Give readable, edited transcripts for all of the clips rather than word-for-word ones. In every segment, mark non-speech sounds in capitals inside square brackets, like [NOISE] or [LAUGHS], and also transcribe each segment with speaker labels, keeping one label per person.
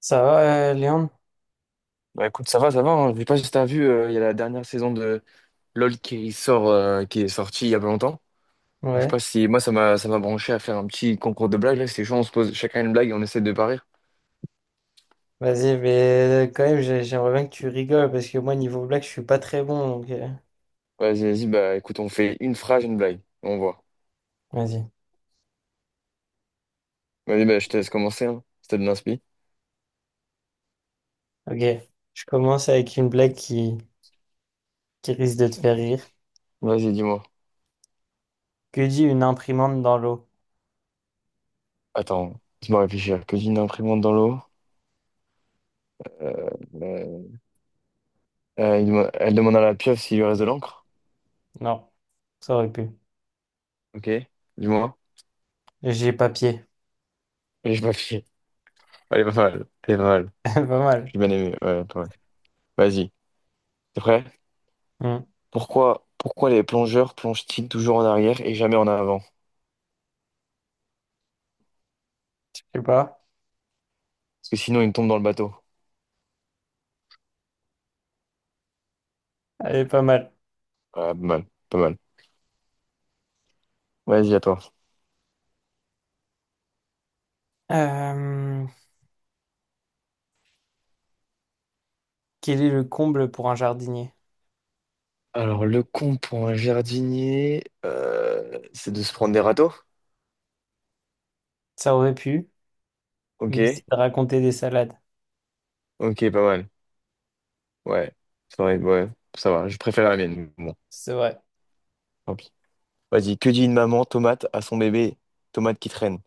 Speaker 1: Ça va, Léon?
Speaker 2: Bah écoute, ça va, ça va. Hein. Je sais pas si t'as vu, il y a la dernière saison de LoL qui sort, qui est sortie il y a pas longtemps. Donc, je sais
Speaker 1: Ouais.
Speaker 2: pas si moi ça m'a branché à faire un petit concours de blagues là. C'est chaud, on se pose chacun une blague et on essaie de parier.
Speaker 1: Vas-y, mais quand même, j'aimerais bien que tu rigoles parce que moi, niveau blague, je suis pas très bon. Donc,
Speaker 2: Vas-y, vas-y. Bah écoute, on fait une phrase, une blague. On voit.
Speaker 1: vas-y.
Speaker 2: Vas-y, bah je te laisse commencer. Hein. Je te l'inspi.
Speaker 1: Ok. Je commence avec une blague qui risque de te faire rire.
Speaker 2: Vas-y, dis-moi.
Speaker 1: Que dit une imprimante dans l'eau?
Speaker 2: Attends, laisse-moi réfléchir. Que dit une imprimante dans l'eau? Euh, euh, elle demande à la pieuvre s'il lui reste de l'encre.
Speaker 1: Non, ça aurait pu.
Speaker 2: Ok. Dis-moi.
Speaker 1: J'ai papier.
Speaker 2: Et je m'affiche. Elle est pas mal. Elle est pas mal.
Speaker 1: [LAUGHS] Pas mal.
Speaker 2: J'ai bien aimé. Ouais, pas mal. Vas-y. T'es prêt?
Speaker 1: Hmm,
Speaker 2: Pourquoi, pourquoi les plongeurs plongent-ils toujours en arrière et jamais en avant?
Speaker 1: je sais pas.
Speaker 2: Parce que sinon, ils tombent dans le bateau.
Speaker 1: Elle est pas mal.
Speaker 2: Ah, pas mal, pas mal. Vas-y, à toi.
Speaker 1: Euh, quel est le comble pour un jardinier?
Speaker 2: Alors, le con pour un jardinier, c'est de se prendre des râteaux?
Speaker 1: Ça aurait pu,
Speaker 2: Ok,
Speaker 1: mais c'est de raconter des salades.
Speaker 2: ok, pas mal. Ouais, ouais, ça va, je préfère la mienne. Bon,
Speaker 1: C'est vrai.
Speaker 2: tant pis. Vas-y, que dit une maman tomate à son bébé tomate qui traîne?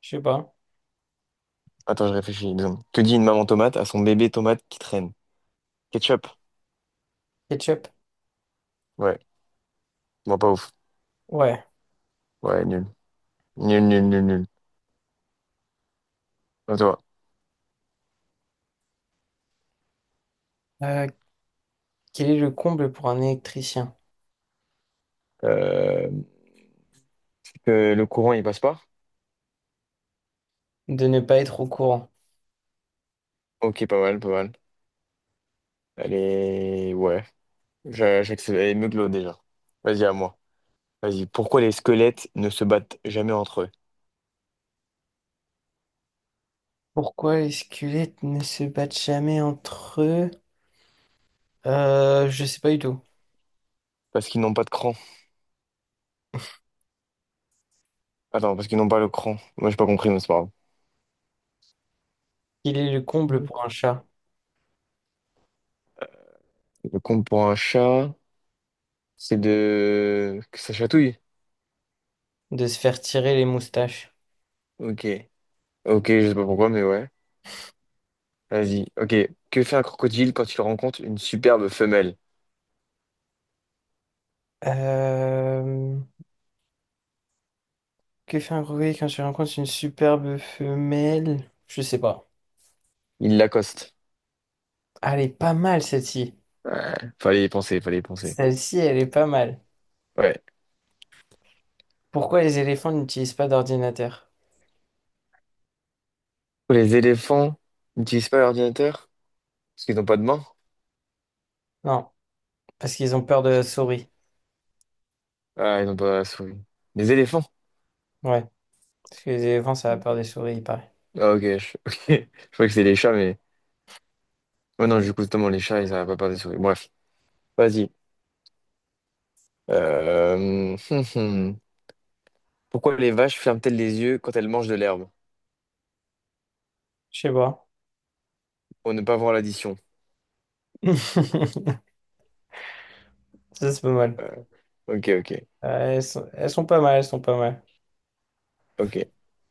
Speaker 1: Je sais pas.
Speaker 2: Attends, je réfléchis une seconde. Que dit une maman tomate à son bébé tomate qui traîne? Ketchup?
Speaker 1: Ketchup?
Speaker 2: Ouais, moi pas ouf.
Speaker 1: Ouais.
Speaker 2: Ouais, nul. Nul, nul, nul, nul. À toi.
Speaker 1: Euh, quel est le comble pour un électricien?
Speaker 2: Euh, Que le courant, il passe pas?
Speaker 1: De ne pas être au courant.
Speaker 2: Ok, pas mal, pas mal. Allez, ouais, j'accepte. Elle est mieux que l'autre, déjà. Vas-y, à moi. Vas-y, pourquoi les squelettes ne se battent jamais entre eux?
Speaker 1: Pourquoi les squelettes ne se battent jamais entre eux? Je sais pas du tout.
Speaker 2: Parce qu'ils n'ont pas de cran. Attends, parce qu'ils n'ont pas le cran. Moi, j'ai pas compris, mais c'est pas grave.
Speaker 1: Quel est le comble
Speaker 2: Le
Speaker 1: pour un
Speaker 2: cran.
Speaker 1: chat?
Speaker 2: Le compte pour un chat, c'est de... Que ça chatouille?
Speaker 1: De se faire tirer les moustaches.
Speaker 2: Ok. Ok, je sais pas pourquoi, mais ouais. Vas-y. Ok. Que fait un crocodile quand il rencontre une superbe femelle?
Speaker 1: Euh, que fait un grenouiller quand tu rencontres une superbe femelle? Je sais pas.
Speaker 2: Il l'accoste.
Speaker 1: Ah, elle est pas mal celle-ci.
Speaker 2: Ouais. Fallait y penser, fallait y penser.
Speaker 1: Celle-ci, elle est pas mal.
Speaker 2: Ouais.
Speaker 1: Pourquoi les éléphants n'utilisent pas d'ordinateur?
Speaker 2: Les éléphants n'utilisent pas l'ordinateur parce qu'ils n'ont pas de main.
Speaker 1: Non, parce qu'ils ont peur de la souris.
Speaker 2: Ah, ils n'ont pas la souris. Les éléphants?
Speaker 1: Ouais, parce que les éléphants, ça a peur des souris, il paraît.
Speaker 2: Ah, ok. Je, [LAUGHS] ok. Je crois que c'est les chats, mais. Oh non, du coup, justement, les chats, ils n'arrivent pas à parler de souris. Bref, vas-y. [LAUGHS] Hum. Pourquoi les vaches ferment-elles les yeux quand elles mangent de l'herbe?
Speaker 1: Je sais pas.
Speaker 2: Pour ne pas voir l'addition.
Speaker 1: [LAUGHS] Ça, c'est pas mal.
Speaker 2: Euh, Ok, ok,
Speaker 1: Elles sont pas mal, elles sont pas mal.
Speaker 2: ok.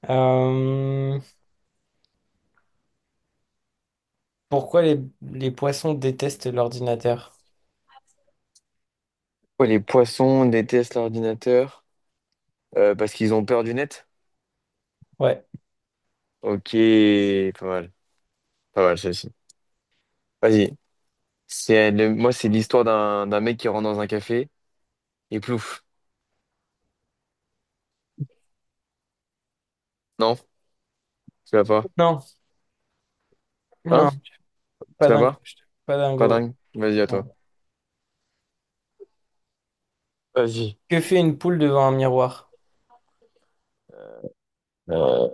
Speaker 1: Euh, pourquoi les poissons détestent l'ordinateur?
Speaker 2: Pourquoi les poissons détestent l'ordinateur? Parce qu'ils ont peur du net?
Speaker 1: Ouais.
Speaker 2: Ok, pas mal. Pas mal, celle-ci. Vas-y. Moi, c'est l'histoire d'un mec qui rentre dans un café. Et plouf. Non, tu l'as pas.
Speaker 1: Non,
Speaker 2: Hein?
Speaker 1: non,
Speaker 2: Tu
Speaker 1: pas
Speaker 2: l'as
Speaker 1: dingo.
Speaker 2: pas?
Speaker 1: Pas
Speaker 2: Pas
Speaker 1: dingo.
Speaker 2: dingue. Vas-y, à toi.
Speaker 1: Bon.
Speaker 2: Vas-y.
Speaker 1: Que fait une poule devant un miroir?
Speaker 2: Euh,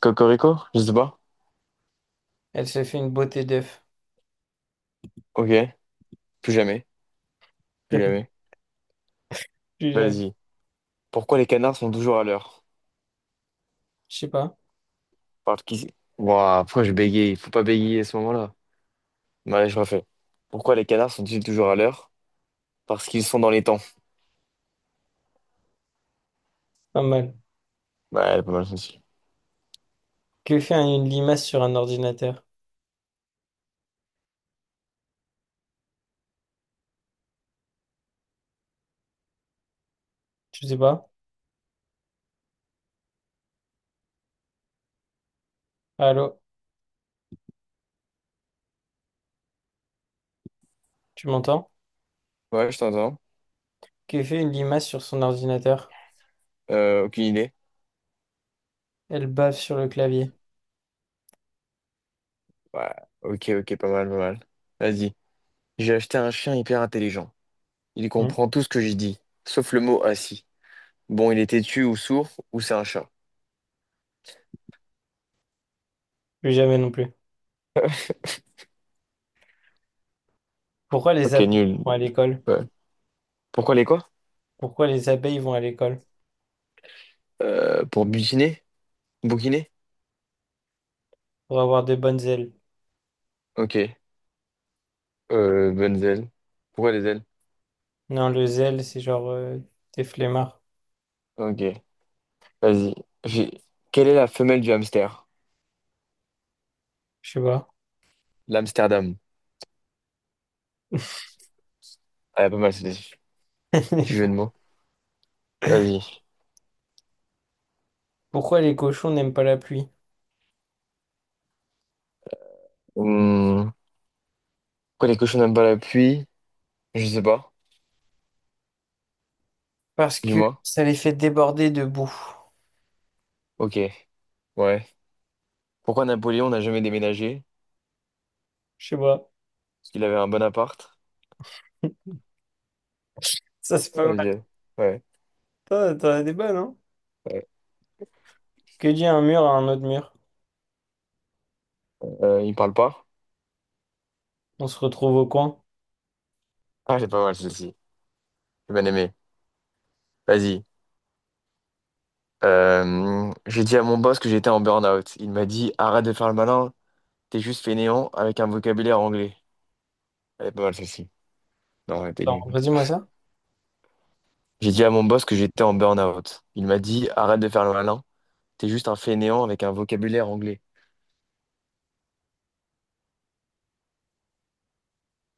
Speaker 2: Cocorico? Je sais pas.
Speaker 1: Elle se fait une beauté d'œuf.
Speaker 2: Ok. Plus jamais.
Speaker 1: [LAUGHS]
Speaker 2: Plus
Speaker 1: Jamais,
Speaker 2: jamais.
Speaker 1: plus jamais.
Speaker 2: Vas-y. Pourquoi les canards sont toujours à l'heure?
Speaker 1: Je sais pas.
Speaker 2: Parce qu'ils... Ouah, pourquoi je bégaye? Il faut pas bégayer à ce moment-là. Bah, allez, je refais. Pourquoi les canards sont-ils toujours à l'heure? Parce qu'ils sont dans les temps.
Speaker 1: Pas mal.
Speaker 2: Ouais, elle est pas mal celle-ci.
Speaker 1: Que fait une limace sur un ordinateur? Je sais pas. Allô? Tu m'entends?
Speaker 2: Ouais, je t'entends.
Speaker 1: Que fait une limace sur son ordinateur?
Speaker 2: Aucune idée.
Speaker 1: Elle bave sur le clavier.
Speaker 2: Ouais. Ok, ok, pas mal, pas mal. Vas-y. J'ai acheté un chien hyper intelligent. Il
Speaker 1: Hein.
Speaker 2: comprend tout ce que j'ai dit, sauf le mot assis. Bon, il est têtu ou sourd, ou c'est un chat.
Speaker 1: Plus jamais non plus. Pourquoi les
Speaker 2: Ok,
Speaker 1: appels
Speaker 2: nul.
Speaker 1: sont à l'école?
Speaker 2: Ouais. Pourquoi les quoi?
Speaker 1: Pourquoi les abeilles vont à l'école?
Speaker 2: Pour butiner? Bouquiner?
Speaker 1: Pour avoir de bonnes ailes.
Speaker 2: Ok. Bonnes ailes. Pourquoi les ailes?
Speaker 1: Non, le zèle, c'est genre t'es flemmard.
Speaker 2: Ok, vas-y. J'ai- Quelle est la femelle du hamster?
Speaker 1: Je sais pas.
Speaker 2: L'Amsterdam. Ah, pas mal, c'est des petits jeux de
Speaker 1: [LAUGHS]
Speaker 2: mots. Vas-y.
Speaker 1: Pourquoi les cochons n'aiment pas la pluie?
Speaker 2: Hmm. Pourquoi les cochons n'aiment pas la pluie? Je sais pas.
Speaker 1: Parce que
Speaker 2: Dis-moi.
Speaker 1: ça les fait déborder de boue.
Speaker 2: Ok, ouais. Pourquoi Napoléon n'a jamais déménagé?
Speaker 1: Je sais pas.
Speaker 2: Parce qu'il avait un bon appart.
Speaker 1: Ça, c'est pas mal.
Speaker 2: Vas-y. Ouais.
Speaker 1: T'en as des bonnes, hein?
Speaker 2: Ouais.
Speaker 1: Que dit un mur à un autre mur?
Speaker 2: Il parle pas?
Speaker 1: On se retrouve au coin.
Speaker 2: Ah, c'est pas mal, celle-ci. J'ai bien aimé. Vas-y. J'ai dit à mon boss que j'étais en burn-out. Il m'a dit, arrête de faire le malin, t'es juste fainéant avec un vocabulaire anglais. Elle est pas mal celle-ci. Non, elle était
Speaker 1: Non,
Speaker 2: nulle.
Speaker 1: redis-moi ça.
Speaker 2: J'ai dit à mon boss que j'étais en burn-out. Il m'a dit, arrête de faire le malin, t'es juste un fainéant avec un vocabulaire anglais.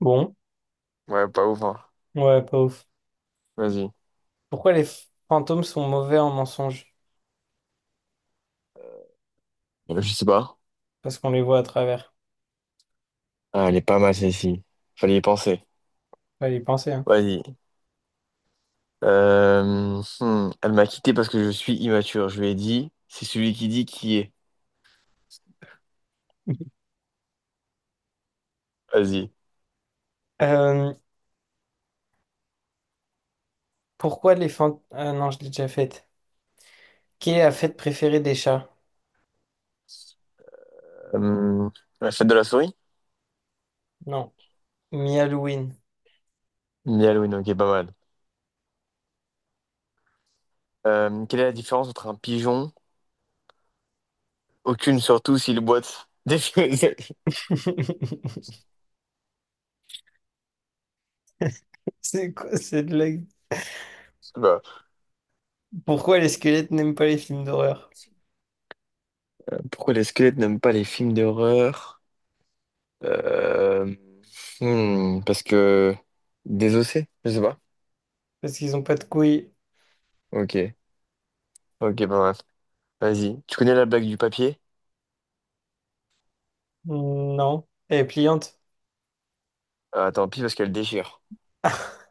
Speaker 1: Bon,
Speaker 2: Ouais, pas ouf, hein.
Speaker 1: ouais, pas ouf.
Speaker 2: Vas-y.
Speaker 1: Pourquoi les fantômes sont mauvais en mensonge?
Speaker 2: Je sais pas.
Speaker 1: Parce qu'on les voit à travers.
Speaker 2: Ah, elle est pas mal celle-ci. Fallait y penser.
Speaker 1: Fallait y penser, hein.
Speaker 2: Vas-y. Elle m'a quitté parce que je suis immature. Je lui ai dit, c'est celui qui dit qui est.
Speaker 1: [LAUGHS]
Speaker 2: Vas-y.
Speaker 1: Euh, pourquoi les fantômes... Ah non, je l'ai déjà faite. Quelle est la fête préférée des chats?
Speaker 2: Euh, La fête de la souris?
Speaker 1: Non. Mi-Halloween.
Speaker 2: Halloween, ok, pas mal. Quelle est la différence entre un pigeon? Aucune, surtout s'il boite. [LAUGHS] Je sais
Speaker 1: [LAUGHS] C'est quoi cette blague?
Speaker 2: pas.
Speaker 1: Pourquoi les squelettes n'aiment pas les films d'horreur?
Speaker 2: Pourquoi les squelettes n'aiment pas les films d'horreur? Euh, hmm, parce que désossé, je sais pas.
Speaker 1: Parce qu'ils ont pas de couilles.
Speaker 2: Ok, ok, pas mal. Vas-y. Tu connais la blague du papier?
Speaker 1: Non. Elle est pliante.
Speaker 2: Ah, tant pis parce qu'elle déchire.
Speaker 1: [LAUGHS]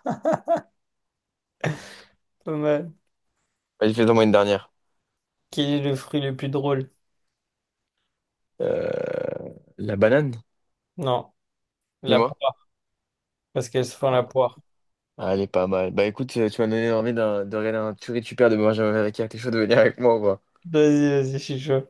Speaker 1: Pas mal.
Speaker 2: Vas-y, fais-en moi une dernière.
Speaker 1: Quel est le fruit le plus drôle?
Speaker 2: Euh, La banane,
Speaker 1: Non. La
Speaker 2: dis-moi.
Speaker 1: poire. Parce qu'elle se font la poire.
Speaker 2: Ah, elle est pas mal. Bah écoute, tu m'as donné envie de regarder un tuerie tu perds de Benjamin Villac. T'es chaud de venir avec moi ou pas?
Speaker 1: Vas-y, vas-y, je suis chaud.